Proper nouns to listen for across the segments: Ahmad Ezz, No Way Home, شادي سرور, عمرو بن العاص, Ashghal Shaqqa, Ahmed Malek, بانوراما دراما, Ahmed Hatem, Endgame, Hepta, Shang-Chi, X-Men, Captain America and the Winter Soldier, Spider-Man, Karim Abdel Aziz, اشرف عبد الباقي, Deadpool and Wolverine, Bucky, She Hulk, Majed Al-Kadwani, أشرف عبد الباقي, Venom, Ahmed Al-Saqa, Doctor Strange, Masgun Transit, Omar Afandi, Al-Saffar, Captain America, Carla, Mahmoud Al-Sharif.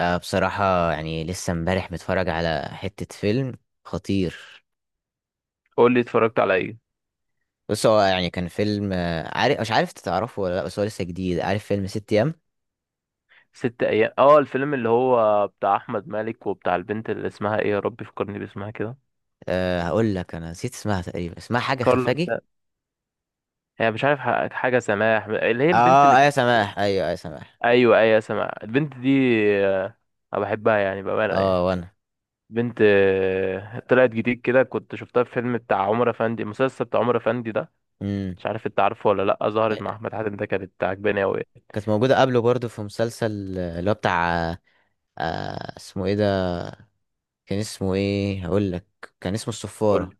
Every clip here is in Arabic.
بصراحة يعني لسه امبارح متفرج على حتة فيلم خطير. قول لي اتفرجت على ايه؟ بص هو يعني كان فيلم عارف، مش عارف تعرفه ولا لا، بس هو لسه جديد. عارف فيلم ست أيام؟ ست ايام، اه الفيلم اللي هو بتاع احمد مالك وبتاع البنت اللي اسمها ايه، يا رب فكرني باسمها كده. أه هقول لك، أنا نسيت اسمها تقريبا، اسمها حاجة كارلا س... خفاجي. هي مش عارف، حاجه سماح اللي هي البنت اه ايوه سماح، ايوه ايوه سماح. ايوه ايوه سماح البنت دي. آه، انا بحبها يعني بامانه اه يعني. وانا. بنت طلعت جديد كده، كنت شفتها في فيلم بتاع عمر افندي، المسلسل بتاع عمر افندي ده. امم. مش عارف انت عارفه ولا لا، ظهرت مع احمد حاتم ده، كانت عجباني قوي. كانت موجودة قبله برضو في مسلسل اللي هو بتاع اسمه ايه ده، كان اسمه ايه هقول لك، كان اسمه قول الصفارة، لي،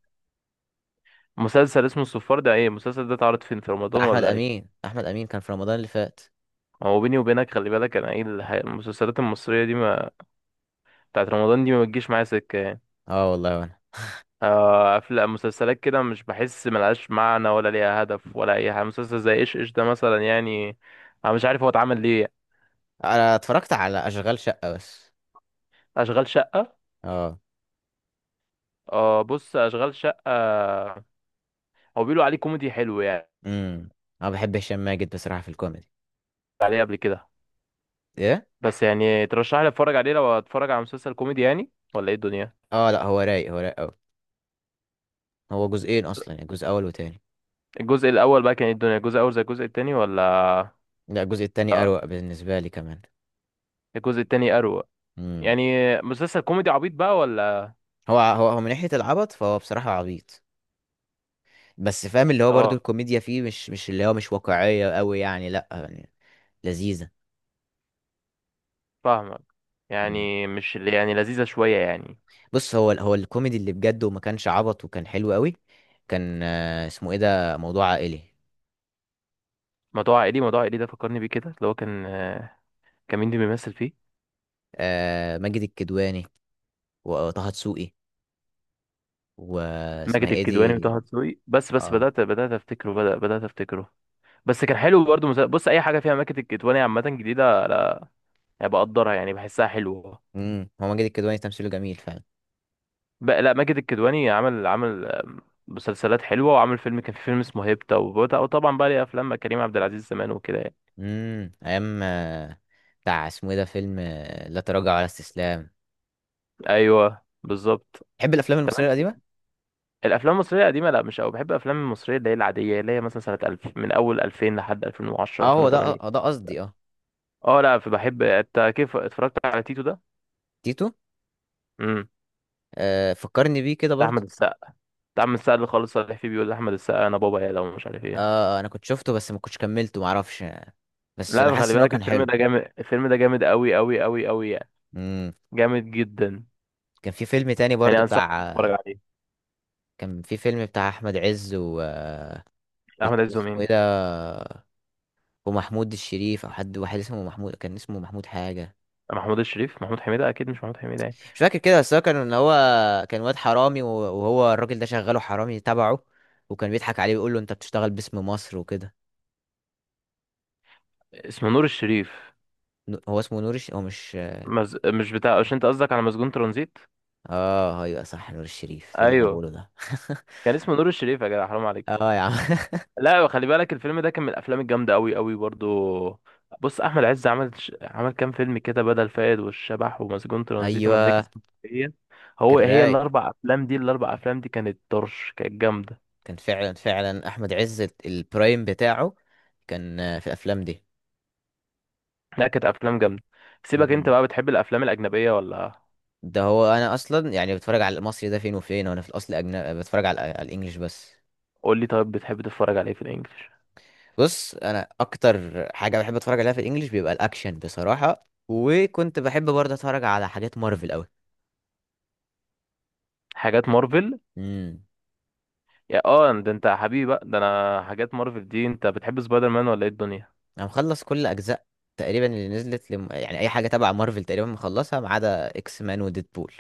مسلسل اسمه الصفار ده ايه المسلسل ده؟ اتعرض فين، في رمضان بتاع أحمد ولا ايه؟ أمين. أحمد أمين كان في رمضان اللي فات. هو بيني وبينك خلي بالك، انا ايه المسلسلات المصريه دي، ما بتاعت رمضان دي ما بتجيش معايا سكه يعني. اه والله وانا. افلام مسلسلات كده، مش بحس ملهاش معنى ولا ليها هدف ولا اي حاجه. مسلسل زي ايش ايش ده مثلا يعني، انا مش عارف هو اتعمل ليه يعني. انا اتفرجت على اشغال شقه بس. اشغال شقه. اه. اه، بص اشغال شقه هو بيقولوا عليه كوميدي حلو يعني، امم. انا بحب هشام ماجد بصراحه في الكوميدي. عليه قبل كده. ايه؟ بس يعني ترشح لي اتفرج عليه؟ لو اتفرج على مسلسل كوميدي يعني ولا ايه الدنيا؟ اه لا هو رايق، هو رايق قوي. هو جزئين اصلا، يعني جزء اول وتاني. الجزء الاول بقى كان ايه الدنيا؟ الجزء الاول زي الجزء التاني ولا؟ لا الجزء التاني لا اروق بالنسبه لي كمان. الجزء التاني اروق امم. يعني. مسلسل كوميدي عبيط بقى ولا؟ هو من ناحيه العبط فهو بصراحه عبيط، بس فاهم اللي هو برضو اه، الكوميديا فيه مش اللي هو مش واقعيه قوي يعني، لا يعني لذيذه. فاهمك. مم. يعني مش يعني لذيذة شوية يعني. بص هو الكوميدي اللي بجد وما كانش عبط وكان حلو قوي، كان اسمه ايه ده، موضوع عائلي. موضوع عائلي. موضوع عائلي ده فكرني بيه كده، اللي هو كان كان مين اللي بيمثل فيه؟ ماجد الكدواني وطه دسوقي، واسمها ماجد ايه الكدواني دي. وطه دسوقي. بس اه. بدأت أفتكره. بس كان حلو برضه مسلسل. بص أي حاجة فيها ماجد الكدواني عامة جديدة يعني بقدرها يعني، بحسها حلوة. امم. هو ماجد الكدواني تمثيله جميل فعلا. لا ماجد الكدواني عمل عمل آم، مسلسلات حلوة، وعمل فيلم، كان في فيلم اسمه هيبتا، وطبعا بقى ليه أفلام مع كريم عبد العزيز زمان وكده يعني. ايام بتاع اسمه ايه ده، فيلم لا تراجع ولا استسلام. أيوه بالظبط. تحب الافلام المصريه القديمه؟ الافلام المصريه القديمه؟ لا مش قوي، بحب الافلام المصريه اللي هي العاديه، اللي هي مثلا سنه 2000، من اول 2000 لحد 2010، اه هو ده، 2008. آه ده قصدي، اه. اه لا بحب. انت كيف اتفرجت على تيتو ده؟ تيتو؟ امم. آه فكرني بيه كده بتاع احمد برضه. السقا بتاع احمد السقا اللي خالص صالح فيه بيقول لاحمد السقا انا بابا يا لو مش عارف ايه. اه انا كنت شفته بس ما كنتش كملته، معرفش، بس انا لا خلي حاسس ان هو بالك كان الفيلم حلو. ده جامد، الفيلم ده جامد قوي قوي قوي قوي يعني، امم. جامد جدا. كان في فيلم تاني يعني برضه انصحك بتاع تتفرج عليه. كان في فيلم بتاع احمد عز و... احمد عز واسمه ايه ومين؟ ده، ومحمود الشريف او حد واحد اسمه محمود، كان اسمه محمود حاجه، محمود الشريف، محمود حميدة اكيد، مش محمود حميدة يعني. مش فاكر كده. بس هو كان ان هو كان واد حرامي و- وهو الراجل ده شغاله حرامي تبعه، وكان بيضحك عليه ويقول له انت بتشتغل باسم مصر وكده. اسمه نور الشريف. نو- هو اسمه نور الش... هو مش. مز... مش بتاع مش، انت قصدك على مسجون ترانزيت؟ اه ايوه صح، نور الشريف، ايه اللي انا ايوه، بقوله ده. كان اسمه نور الشريف يا جدع، حرام عليك. اه يا عم. لا خلي بالك الفيلم ده كان من الافلام الجامده قوي قوي برضو. بص احمد عز عمل كام فيلم كده: بدل فاقد، والشبح، ومسجون ترانزيت، وملاك ايوه اسكندريه. كان هي رايق، الاربع افلام دي، الاربع افلام دي كانت طرش، كانت جامده. كان فعلا فعلا احمد عز البرايم بتاعه كان في الافلام دي. لا كانت افلام جامده. سيبك انت مم. بقى، بتحب الافلام الاجنبيه ولا؟ ده هو انا اصلا يعني بتفرج على المصري ده فين وفين، وانا في الاصل أجنبي بتفرج على الانجليش بس. قول لي طيب، بتحب تتفرج على ايه في الانجليش؟ بص انا اكتر حاجه بحب اتفرج عليها في الانجليش بيبقى الاكشن بصراحه، وكنت بحب برضه اتفرج على حاجات مارفل قوي. حاجات مارفل. امم. يا اه ده انت يا حبيبي بقى، ده انا حاجات مارفل دي. انت بتحب سبايدر مان ولا ايه الدنيا؟ انا مخلص كل اجزاء تقريبا اللي نزلت لم... يعني اي حاجه تبع مارفل تقريبا مخلصها، ما عدا اكس مان وديدبول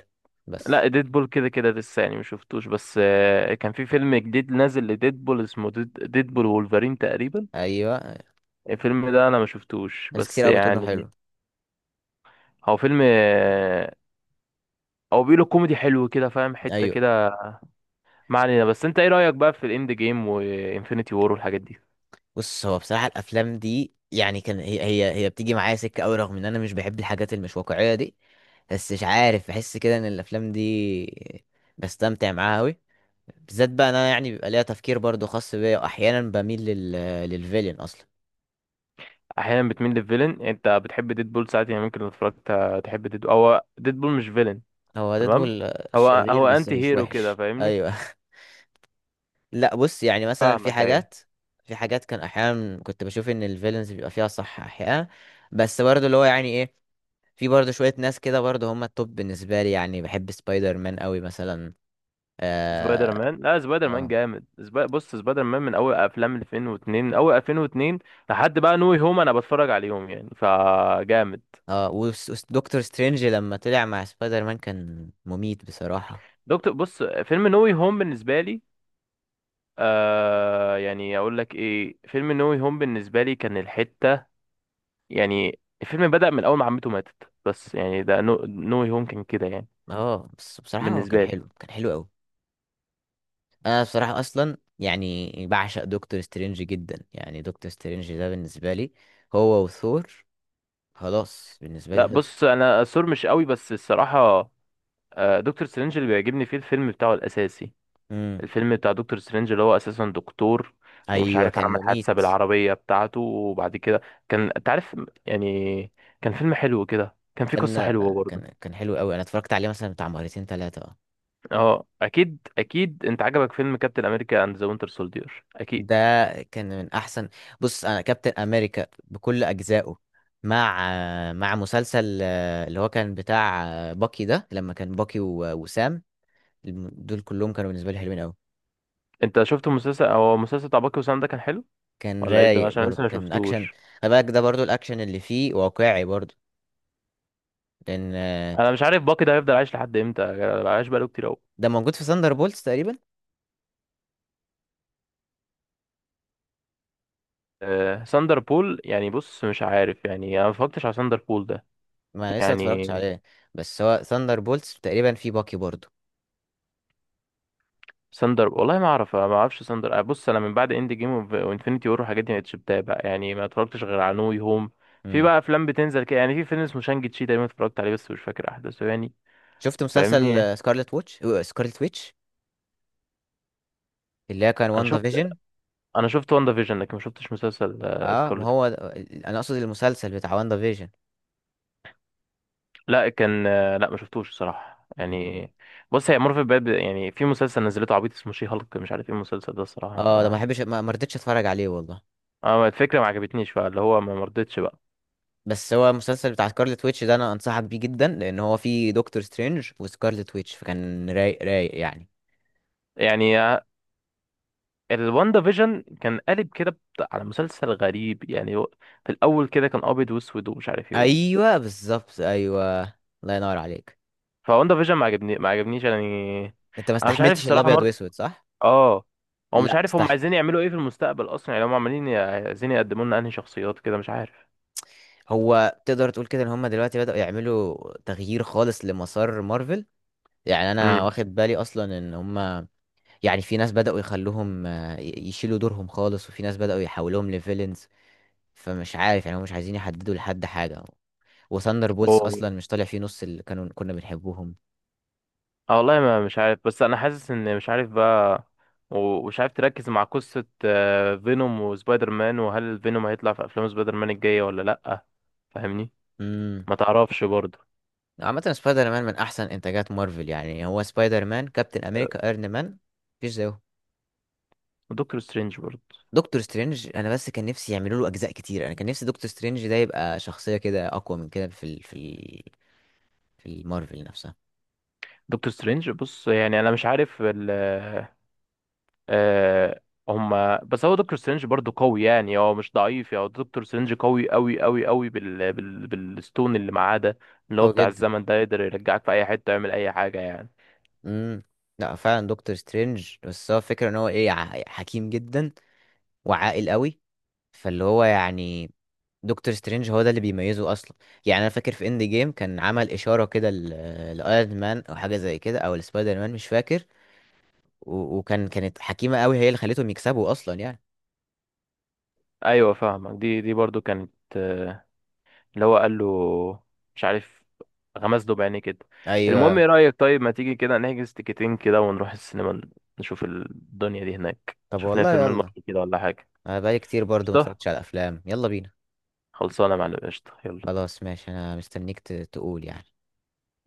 بس. لا ديدبول كده كده لسه يعني ما شفتوش، بس كان في فيلم جديد نازل لديدبول اسمه ديدبول وولفرين تقريبا. ايوه. الفيلم ده انا ما شفتوش ناس كتير بس قوي بتقول انه يعني. حلو. هو فيلم هو بيقولوا كوميدي حلو كده، فاهم حتة ايوه. كده. ما علينا، بس انت ايه رأيك بقى في الاند جيم وانفينيتي وور والحاجات دي؟ بص هو بصراحه الافلام دي يعني كان هي بتيجي معايا سكه قوي، رغم ان انا مش بحب الحاجات المش واقعيه دي، بس مش عارف بحس كده ان الافلام دي بستمتع معاها قوي، بالذات بقى انا يعني بيبقى ليها تفكير برضو خاص بيا، واحيانا بميل للفيلين اصلا. احيانا بتميل للفيلن، انت بتحب ديدبول ساعات يعني، ممكن لو اتفرجت تحب ديدبول؟ هو ديدبول مش فيلن. هو تمام. ديدبول هو شرير هو بس انتي مش هيرو كده، وحش، فاهمني. ايوه. لا بص يعني مثلا في فاهمك أيوة. حاجات، في حاجات كان احيانا كنت بشوف ان الفيلنز بيبقى فيها صح احيانا، بس برضو اللي هو يعني ايه، في برضو شوية ناس كده برضو هم التوب بالنسبة لي، يعني بحب سبايدر مان قوي مثلا. سبايدر اه. مان؟ لا سبايدر مان اه. جامد. بص سبايدر مان من اول افلام 2002، من اول 2002 لحد بقى نوي هوم، انا بتفرج عليهم يعني فجامد. اه دكتور سترينج لما طلع مع سبايدر مان كان مميت بصراحة. بص فيلم نوي هوم بالنسبه لي، يعني اقول لك ايه، فيلم نوي هوم بالنسبه لي كان الحته يعني. الفيلم بدأ من اول ما عمته ماتت، بس يعني ده نوي هوم كان كده يعني، اه بس بصراحة هو بالنسبه كان لي. حلو، كان حلو قوي. انا بصراحه اصلا يعني بعشق دكتور سترينج جدا، يعني دكتور سترينج ده بالنسبه لي، هو وثور، خلاص بالنسبه لي لا خلصت. بص انا سور مش قوي بس الصراحه. دكتور سترينج اللي بيعجبني فيه الفيلم بتاعه الاساسي. امم. الفيلم بتاع دكتور سترينج اللي هو اساسا دكتور، ومش ايوه عارف كان عمل حادثه مميت. بالعربيه بتاعته، وبعد كده كان انت عارف يعني، كان فيلم حلو كده، كان فيه قصه كان حلوه برضه. كان حلو قوي، انا اتفرجت عليه مثلا بتاع مرتين ثلاثه. اه. اه اكيد اكيد، انت عجبك فيلم كابتن امريكا اند ذا وينتر سولدير ده اكيد. كان من احسن. بص انا كابتن امريكا بكل اجزائه، مع مسلسل اللي هو كان بتاع باكي ده لما كان باكي و- وسام، الم- دول كلهم كانوا بالنسبه لي حلوين قوي. انت شفت المسلسل بتاع باكي وسام ده كان حلو كان ولا ايه ده، رايق عشان لسه برضو، ما كان اكشن. شفتوش. خلي بالك ده برضو الاكشن اللي فيه واقعي برضو، لان انا مش عارف باكي ده هيفضل عايش لحد امتى، عايش بقاله كتير قوي. ده موجود في ثاندر بولتس تقريبا. أه ساندر بول يعني، بص مش عارف يعني، انا ما اتفرجتش على ساندر بول ده ما انا لسه ما اتفرجتش يعني. عليه، بس هو ثاندر بولتس تقريبا فيه باكي برضو. ساندر، والله ما اعرفش ساندر. بص انا من بعد اند جيم وانفينيتي وور والحاجات دي ما بقتش بتابع يعني، ما اتفرجتش غير على نو هوم. في امم. بقى افلام بتنزل كده يعني، في فيلم اسمه شانج تشي تقريبا، اتفرجت عليه بس مش فاكر احداثه يعني. شفت فاهمني؟ مسلسل سكارلت ووتش، سكارلت ويتش، اللي هي كان انا واندا شفت فيجن. انا شفت واندا فيجن، لكن ما شفتش مسلسل اه ما سكارلت. هو ده- انا اقصد المسلسل بتاع واندا فيجن. لا كان آه، لا ما شفتوش الصراحه مم. يعني. بص هي مورفي بقى يعني، في مسلسل نزلته عبيط اسمه شي هالك، مش عارف ايه المسلسل ده الصراحه، اه ده ما اه. بحبش، ما رضيتش اتفرج عليه والله، الفكره ما عجبتنيش بقى، اللي هو ما مرضتش بقى. بس هو المسلسل بتاع سكارلت ويتش ده انا انصحك بيه جدا، لان هو فيه دكتور سترينج وسكارلت ويتش، فكان رايق رايق يعني. يعني الواندا فيجن كان قالب كده على مسلسل غريب يعني، هو في الاول كده كان ابيض واسود ومش عارف ايه ايوه بالظبط ايوه. الله ينور عليك. فواندا فيجن ما عجبنيش يعني. انت ما انا مش عارف استحملتش الصراحه الابيض واسود صح؟ اه. هو مش لا عارف هم استحمل. عايزين يعملوا ايه في المستقبل اصلا يعني، هم عمالين عايزين يقدموا لنا انهي شخصيات كده مش عارف. هو تقدر تقول كده ان هم دلوقتي بدأوا يعملوا تغيير خالص لمسار مارفل، يعني انا امم. واخد بالي اصلا ان هم يعني في ناس بدأوا يخلوهم يشيلوا دورهم خالص، وفي ناس بدأوا يحولوهم لفيلنز، فمش عارف يعني هم مش عايزين يحددوا لحد حاجة. وثاندر بولز و... اصلا مش طالع فيه نص اللي كنا بنحبوهم. اه والله ما مش عارف، بس انا حاسس ان مش عارف بقى، و- ومش عارف تركز مع قصه فينوم وسبايدر مان، وهل فينوم هيطلع في افلام سبايدر مان الجايه ولا لا؟ فاهمني، امم. ما تعرفش برضه. عامة سبايدر مان من أحسن إنتاجات مارفل، يعني هو سبايدر مان كابتن أمريكا أيرون مان، مفيش زيه. ودكتور سترينج برضه. دكتور سترينج أنا بس كان نفسي يعملوا له أجزاء كتير، أنا كان نفسي دكتور سترينج ده يبقى شخصية كده أقوى من كده في ال في ال في المارفل نفسها. دكتور سترينج، بص يعني انا مش عارف ال، آه، هما. بس هو دكتور سترينج برضه قوي يعني، هو مش ضعيف يعني، هو دكتور سترينج قوي قوي قوي قوي بالستون اللي معاه ده، اللي هو قوي بتاع جدا. الزمن ده، يقدر يرجعك في اي حتة يعمل اي حاجة يعني. امم. لا فعلا دكتور سترينج، بس هو الفكرة إن هو إيه، ع- حكيم جدا وعاقل قوي، فاللي هو يعني دكتور سترينج هو ده اللي بيميزه أصلا. يعني أنا فاكر في إند جيم كان عمل إشارة كده لأيرون مان أو حاجة زي كده أو لسبايدر مان، مش فاكر، و- وكان كانت حكيمة قوي هي اللي خليتهم يكسبوا اصلا يعني. ايوه فاهمك، دي برضه كانت آه، اللي هو قال له، مش عارف، غمز له بعينيه كده. المهم ايوه. ايه رأيك طيب، ما تيجي كده نحجز تيكتين كده ونروح السينما، نشوف الدنيا دي هناك، طب شوف لنا والله فيلم يلا، المرة كده ولا حاجة. انا بقالي كتير برضو ما قشطة. اتفرجتش على الافلام، يلا بينا. خلصانة يا معلم، قشطة يلا. خلاص ماشي، انا مستنيك ت- تقول يعني.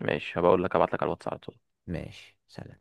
ماشي هبقول لك، هبعت لك على الواتس على طول. ماشي سلام.